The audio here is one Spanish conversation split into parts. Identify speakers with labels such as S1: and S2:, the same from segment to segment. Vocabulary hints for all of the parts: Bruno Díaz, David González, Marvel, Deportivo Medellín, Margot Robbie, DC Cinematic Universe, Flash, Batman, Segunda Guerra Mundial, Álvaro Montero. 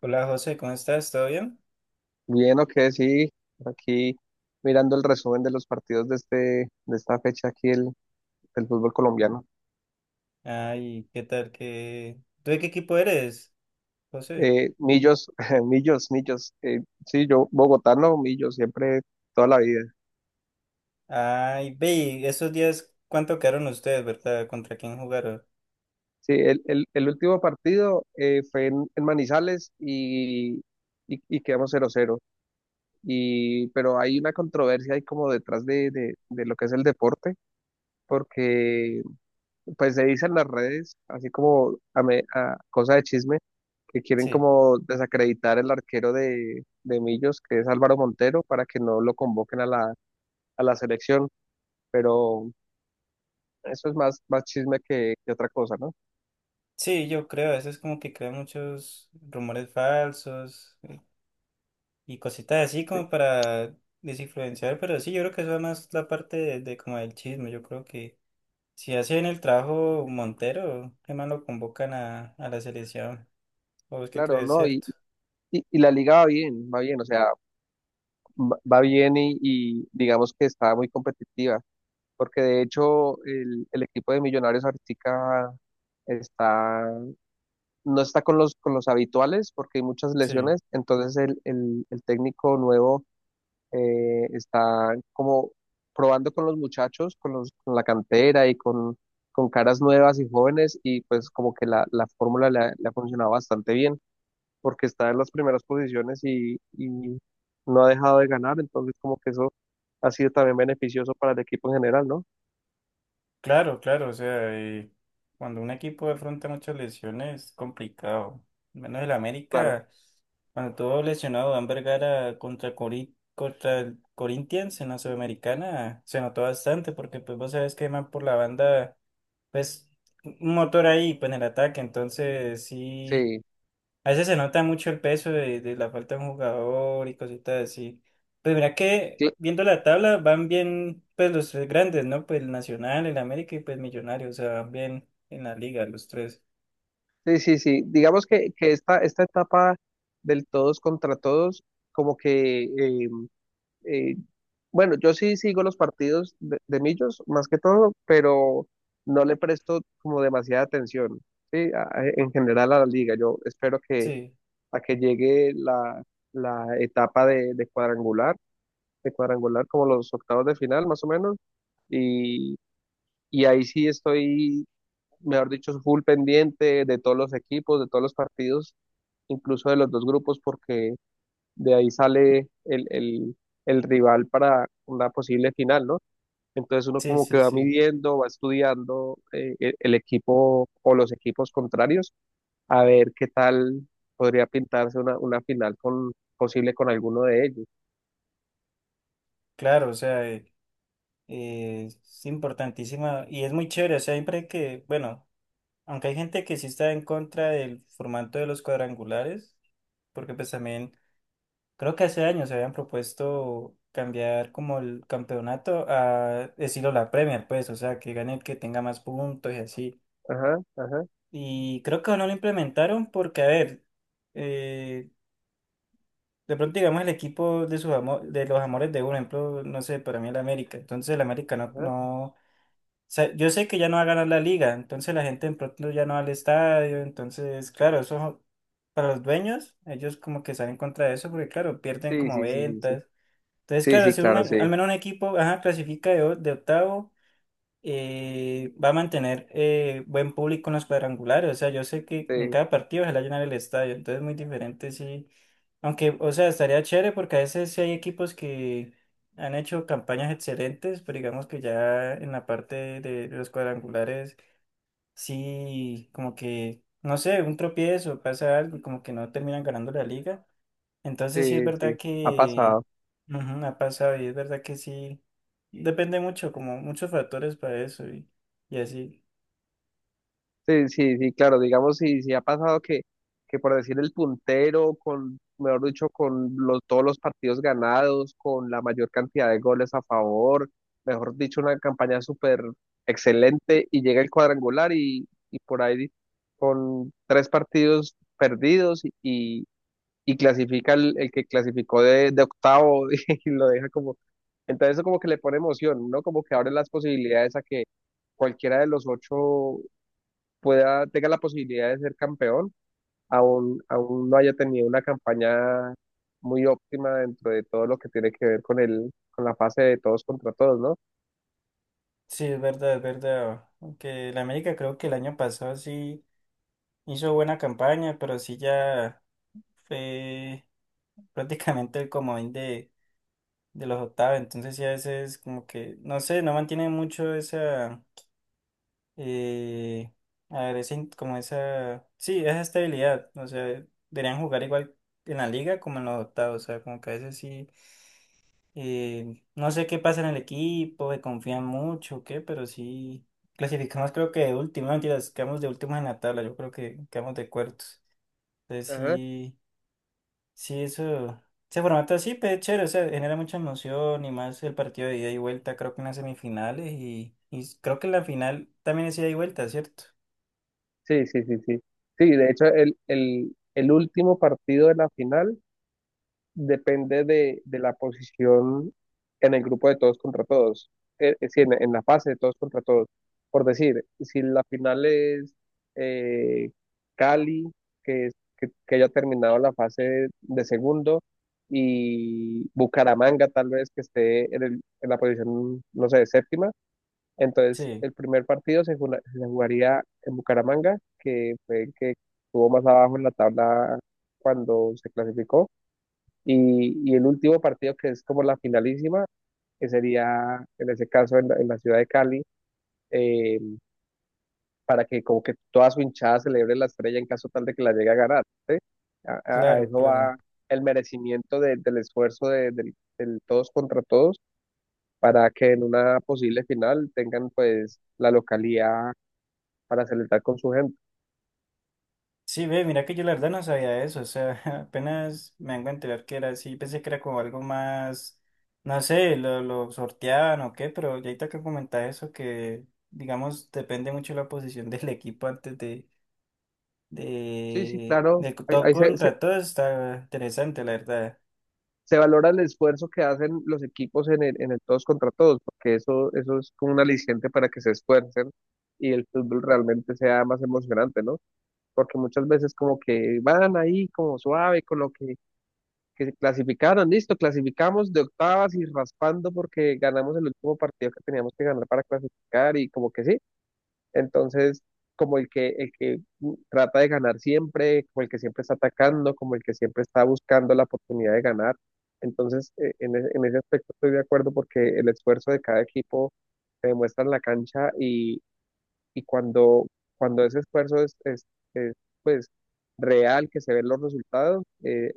S1: Hola José, ¿cómo estás? ¿Todo bien?
S2: Bien, ok, sí. Aquí mirando el resumen de los partidos de de esta fecha del fútbol colombiano.
S1: Ay, ¿qué tal? ¿Qué... ¿Tú de qué equipo eres, José?
S2: Millos, Millos. Sí, yo bogotano, Millos, siempre, toda la vida.
S1: Ay, ve, y esos días, ¿cuánto quedaron ustedes, verdad? ¿Contra quién jugaron?
S2: Sí, el último partido fue en Manizales y quedamos cero cero. Y pero hay una controversia ahí como detrás de lo que es el deporte, porque pues se dice en las redes, así como a cosa de chisme que quieren
S1: Sí,
S2: como desacreditar el arquero de Millos, que es Álvaro Montero, para que no lo convoquen a a la selección. Pero eso es más chisme que otra cosa, ¿no?
S1: sí, yo creo, a veces como que crean muchos rumores falsos y cositas así
S2: Sí,
S1: como para desinfluenciar, pero sí, yo creo que eso es más la parte de como del chisme, yo creo que si hacen el trabajo Montero, qué más lo convocan a la selección, ¿o es que
S2: claro,
S1: crees,
S2: no, y,
S1: cierto?
S2: y, y la liga va bien, o sea, va bien y digamos que está muy competitiva, porque de hecho el equipo de Millonarios ahorita está, no está con los habituales porque hay muchas
S1: Sí.
S2: lesiones, entonces el técnico nuevo está como probando con los muchachos, con la cantera y con caras nuevas y jóvenes, y pues como que la fórmula le ha funcionado bastante bien porque está en las primeras posiciones y no ha dejado de ganar, entonces como que eso ha sido también beneficioso para el equipo en general, ¿no?
S1: Claro, claro, o sea, cuando un equipo afronta muchas lesiones es complicado. Al menos el
S2: Claro,
S1: América, cuando todo lesionado, Dan Vergara contra, contra el Corinthians en la Sudamericana, se notó bastante porque pues vos sabes que más por la banda, pues un motor ahí, pues en el ataque, entonces sí.
S2: sí,
S1: A veces se nota mucho el peso de la falta de un jugador y cositas así. Pues mira que
S2: sí,
S1: viendo la tabla van bien pues los tres grandes, ¿no? Pues el Nacional, el América y pues Millonarios, o sea, van bien en la liga los tres.
S2: sí, sí, sí. Digamos que esta etapa del todos contra todos como que eh, bueno, yo sí sigo los partidos de Millos, más que todo, pero no le presto como demasiada atención, ¿sí? En general a la liga. Yo espero que
S1: Sí,
S2: a que llegue la etapa de cuadrangular como los octavos de final, más o menos, y, y ahí sí estoy, mejor dicho, full pendiente de todos los equipos, de todos los partidos, incluso de los dos grupos, porque de ahí sale el rival para una posible final, ¿no? Entonces uno
S1: sí,
S2: como que
S1: sí,
S2: va
S1: sí.
S2: midiendo, va estudiando, el equipo o los equipos contrarios a ver qué tal podría pintarse una final con, posible con alguno de ellos.
S1: Claro, o sea, es importantísima y es muy chévere, o sea, siempre que, bueno, aunque hay gente que sí está en contra del formato de los cuadrangulares, porque pues también creo que hace años se habían propuesto cambiar como el campeonato a estilo la Premier, pues, o sea, que gane el que tenga más puntos y así.
S2: Ajá, ajá,
S1: Y creo que no lo implementaron porque, a ver, eh, de pronto digamos el equipo de de los amores de uno, por ejemplo, no sé, para mí el América. Entonces el América no,
S2: ajá.
S1: no, o sea, yo sé que ya no va a ganar la liga, entonces la gente de pronto ya no va al estadio, entonces, claro, eso para los dueños, ellos como que salen contra eso porque, claro, pierden
S2: Sí,
S1: como
S2: sí, sí, sí, sí.
S1: ventas. Entonces,
S2: Sí,
S1: claro,
S2: sí,
S1: si un-
S2: claro, sí.
S1: al menos un equipo ajá, clasifica de octavo, va a mantener buen público en los cuadrangulares. O sea, yo sé que en
S2: Sí,
S1: cada partido se le va a llenar el estadio, entonces es muy diferente, sí. Aunque, o sea, estaría chévere porque a veces sí hay equipos que han hecho campañas excelentes, pero digamos que ya en la parte de los cuadrangulares, sí, como que, no sé, un tropiezo, pasa algo y como que no terminan ganando la liga.
S2: sí,
S1: Entonces sí es
S2: sí.
S1: verdad
S2: Ha
S1: que
S2: pasado.
S1: ujú, ha pasado y es verdad que sí. Depende mucho, como muchos factores para eso y así.
S2: Sí, sí, sí, claro, digamos, si ha pasado que por decir el puntero, con, mejor dicho, con los, todos los partidos ganados, con la mayor cantidad de goles a favor, mejor dicho, una campaña súper excelente, y llega el cuadrangular y por ahí con tres partidos perdidos, y clasifica el que clasificó de octavo y lo deja como... Entonces eso como que le pone emoción, ¿no? Como que abre las posibilidades a que cualquiera de los ocho pueda, tenga la posibilidad de ser campeón, aún, aún no haya tenido una campaña muy óptima dentro de todo lo que tiene que ver con el, con la fase de todos contra todos, ¿no?
S1: Sí, es verdad, es verdad. Aunque la América creo que el año pasado sí hizo buena campaña, pero sí ya fue prácticamente el comodín de los octavos. Entonces sí a veces como que, no sé, no mantiene mucho esa... Y a ver, como esa. Sí, esa estabilidad. O sea, deberían jugar igual en la liga como en los octavos. O sea, como que a veces sí. No sé qué pasa en el equipo, que confían mucho o qué, pero sí. Clasificamos, creo que de último, no, mentiras, quedamos de últimos en la tabla. Yo creo que quedamos de cuartos. Entonces
S2: Ajá.
S1: sí, sí, eso. Ese formato así, pero es chévere, o sea, genera mucha emoción y más el partido de ida y vuelta, creo que en las semifinales y creo que en la final también es ida y vuelta, ¿cierto?
S2: Sí, sí, sí, sí. Sí, de hecho, el último partido de la final depende de la posición en el grupo de todos contra todos, es decir, en la fase de todos contra todos. Por decir, si la final es eh, Cali, que haya terminado la fase de segundo, y Bucaramanga tal vez que esté en la posición, no sé, séptima, entonces
S1: Sí.
S2: el primer partido se jugaría en Bucaramanga, que fue el que estuvo más abajo en la tabla cuando se clasificó, y el último partido, que es como la finalísima, que sería en ese caso en en la ciudad de Cali, eh, para que como que toda su hinchada celebre la estrella en caso tal de que la llegue a ganar, ¿sí? A
S1: Claro,
S2: eso
S1: claro.
S2: va el merecimiento del esfuerzo del todos contra todos, para que en una posible final tengan pues la localía para celebrar con su gente.
S1: Sí, ve, mira que yo la verdad no sabía eso, o sea, apenas me vengo a enterar que era así, pensé que era como algo más, no sé, lo sorteaban o qué, pero ya ahorita que comentás eso, que digamos, depende mucho la posición del equipo antes
S2: Sí, sí, claro,
S1: del todo
S2: ahí se,
S1: contra todo, está interesante, la verdad.
S2: se valora el esfuerzo que hacen los equipos en el todos contra todos, porque eso es como un aliciente para que se esfuercen y el fútbol realmente sea más emocionante, ¿no? Porque muchas veces como que van ahí como suave con lo que se clasificaron, listo, clasificamos de octavas y raspando porque ganamos el último partido que teníamos que ganar para clasificar y como que sí, entonces, como el que trata de ganar siempre, como el que siempre está atacando, como el que siempre está buscando la oportunidad de ganar. Entonces, en ese aspecto estoy de acuerdo porque el esfuerzo de cada equipo se demuestra en la cancha y cuando, cuando ese esfuerzo es, pues real, que se ven los resultados,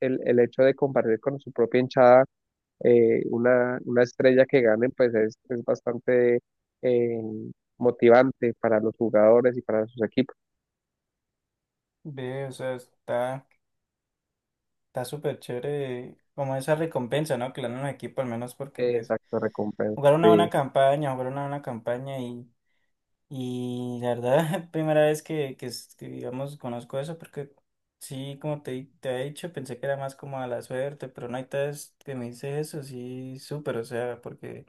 S2: el hecho de compartir con su propia hinchada, una estrella que gane, pues es bastante eh, motivante para los jugadores y para sus equipos.
S1: Ve, o sea, está súper chévere, como esa recompensa, ¿no? Que le dan a un equipo, al menos porque, pues,
S2: Exacto, recompensa.
S1: jugar una buena
S2: Sí,
S1: campaña, jugar una buena campaña y la verdad, es primera vez que, digamos, conozco eso, porque sí, como te, te he dicho, pensé que era más como a la suerte, pero no hay vez que me dice eso, sí, súper, o sea, porque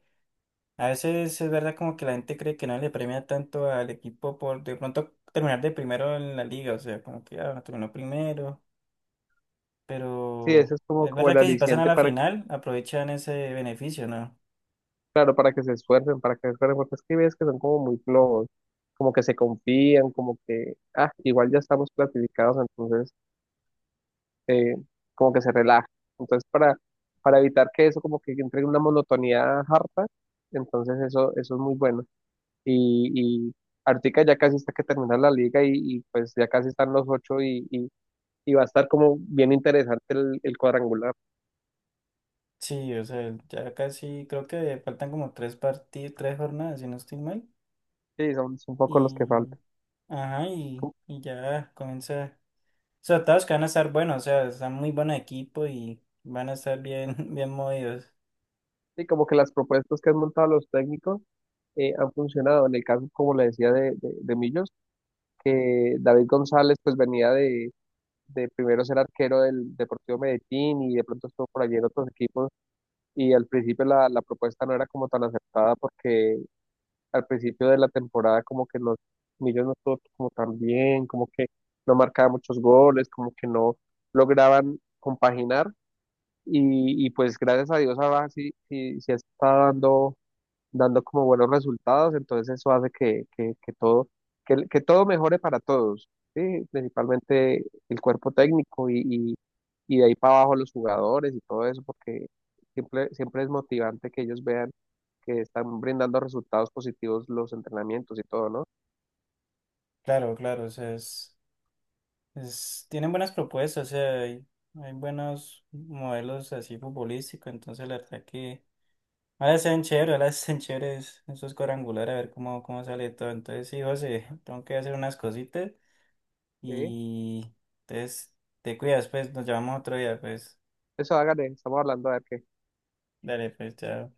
S1: a veces es verdad como que la gente cree que no le premia tanto al equipo por de pronto terminar de primero en la liga, o sea, como que ah, terminó primero,
S2: sí, eso
S1: pero
S2: es como,
S1: es
S2: como
S1: verdad
S2: el
S1: que si pasan a
S2: aliciente
S1: la final, aprovechan ese beneficio, ¿no?
S2: claro, para que se esfuercen, para que se esfuercen, porque es que ves que son como muy flojos, como que se confían, como que, ah, igual ya estamos clasificados, entonces eh, como que se relaja. Entonces, para evitar que eso como que entre en una monotonía harta, entonces eso es muy bueno. Y ahorita ya casi está que termina la liga pues ya casi están los ocho y va a estar como bien interesante el cuadrangular.
S1: Sí, o sea, ya casi creo que faltan como tres partidos, tres jornadas, si no estoy mal.
S2: Sí, son, son un poco los que
S1: Y,
S2: faltan.
S1: ajá,
S2: Como...
S1: y ya comienza. O sea, todos que van a estar buenos, o sea, están muy buen equipo y van a estar bien, bien movidos.
S2: Sí, como que las propuestas que han montado los técnicos han funcionado. En el caso, como le decía, de Millos, que David González pues venía de primero ser arquero del Deportivo Medellín y de pronto estuvo por allí en otros equipos, y al principio la propuesta no era como tan aceptada porque al principio de la temporada como que los Millos no estuvo como tan bien, como que no marcaba muchos goles, como que no lograban compaginar, y pues gracias a Dios ahora sí, sí, sí está dando dando como buenos resultados, entonces eso hace que todo, que todo mejore para todos, ¿sí? Principalmente el cuerpo técnico y de ahí para abajo los jugadores y todo eso, porque siempre, siempre es motivante que ellos vean que están brindando resultados positivos los entrenamientos y todo, ¿no?
S1: Claro, claro, o sea, tienen buenas propuestas, o sea, hay buenos modelos así futbolísticos, entonces la verdad que ahora sean chéveres, ahora sean chéveres esos cuadrangulares, a ver cómo, cómo sale todo. Entonces, sí, José, tengo que hacer unas cositas
S2: Sí,
S1: y entonces te cuidas, pues nos llamamos otro día, pues.
S2: eso hágale, estamos hablando a ver qué.
S1: Dale, pues, chao.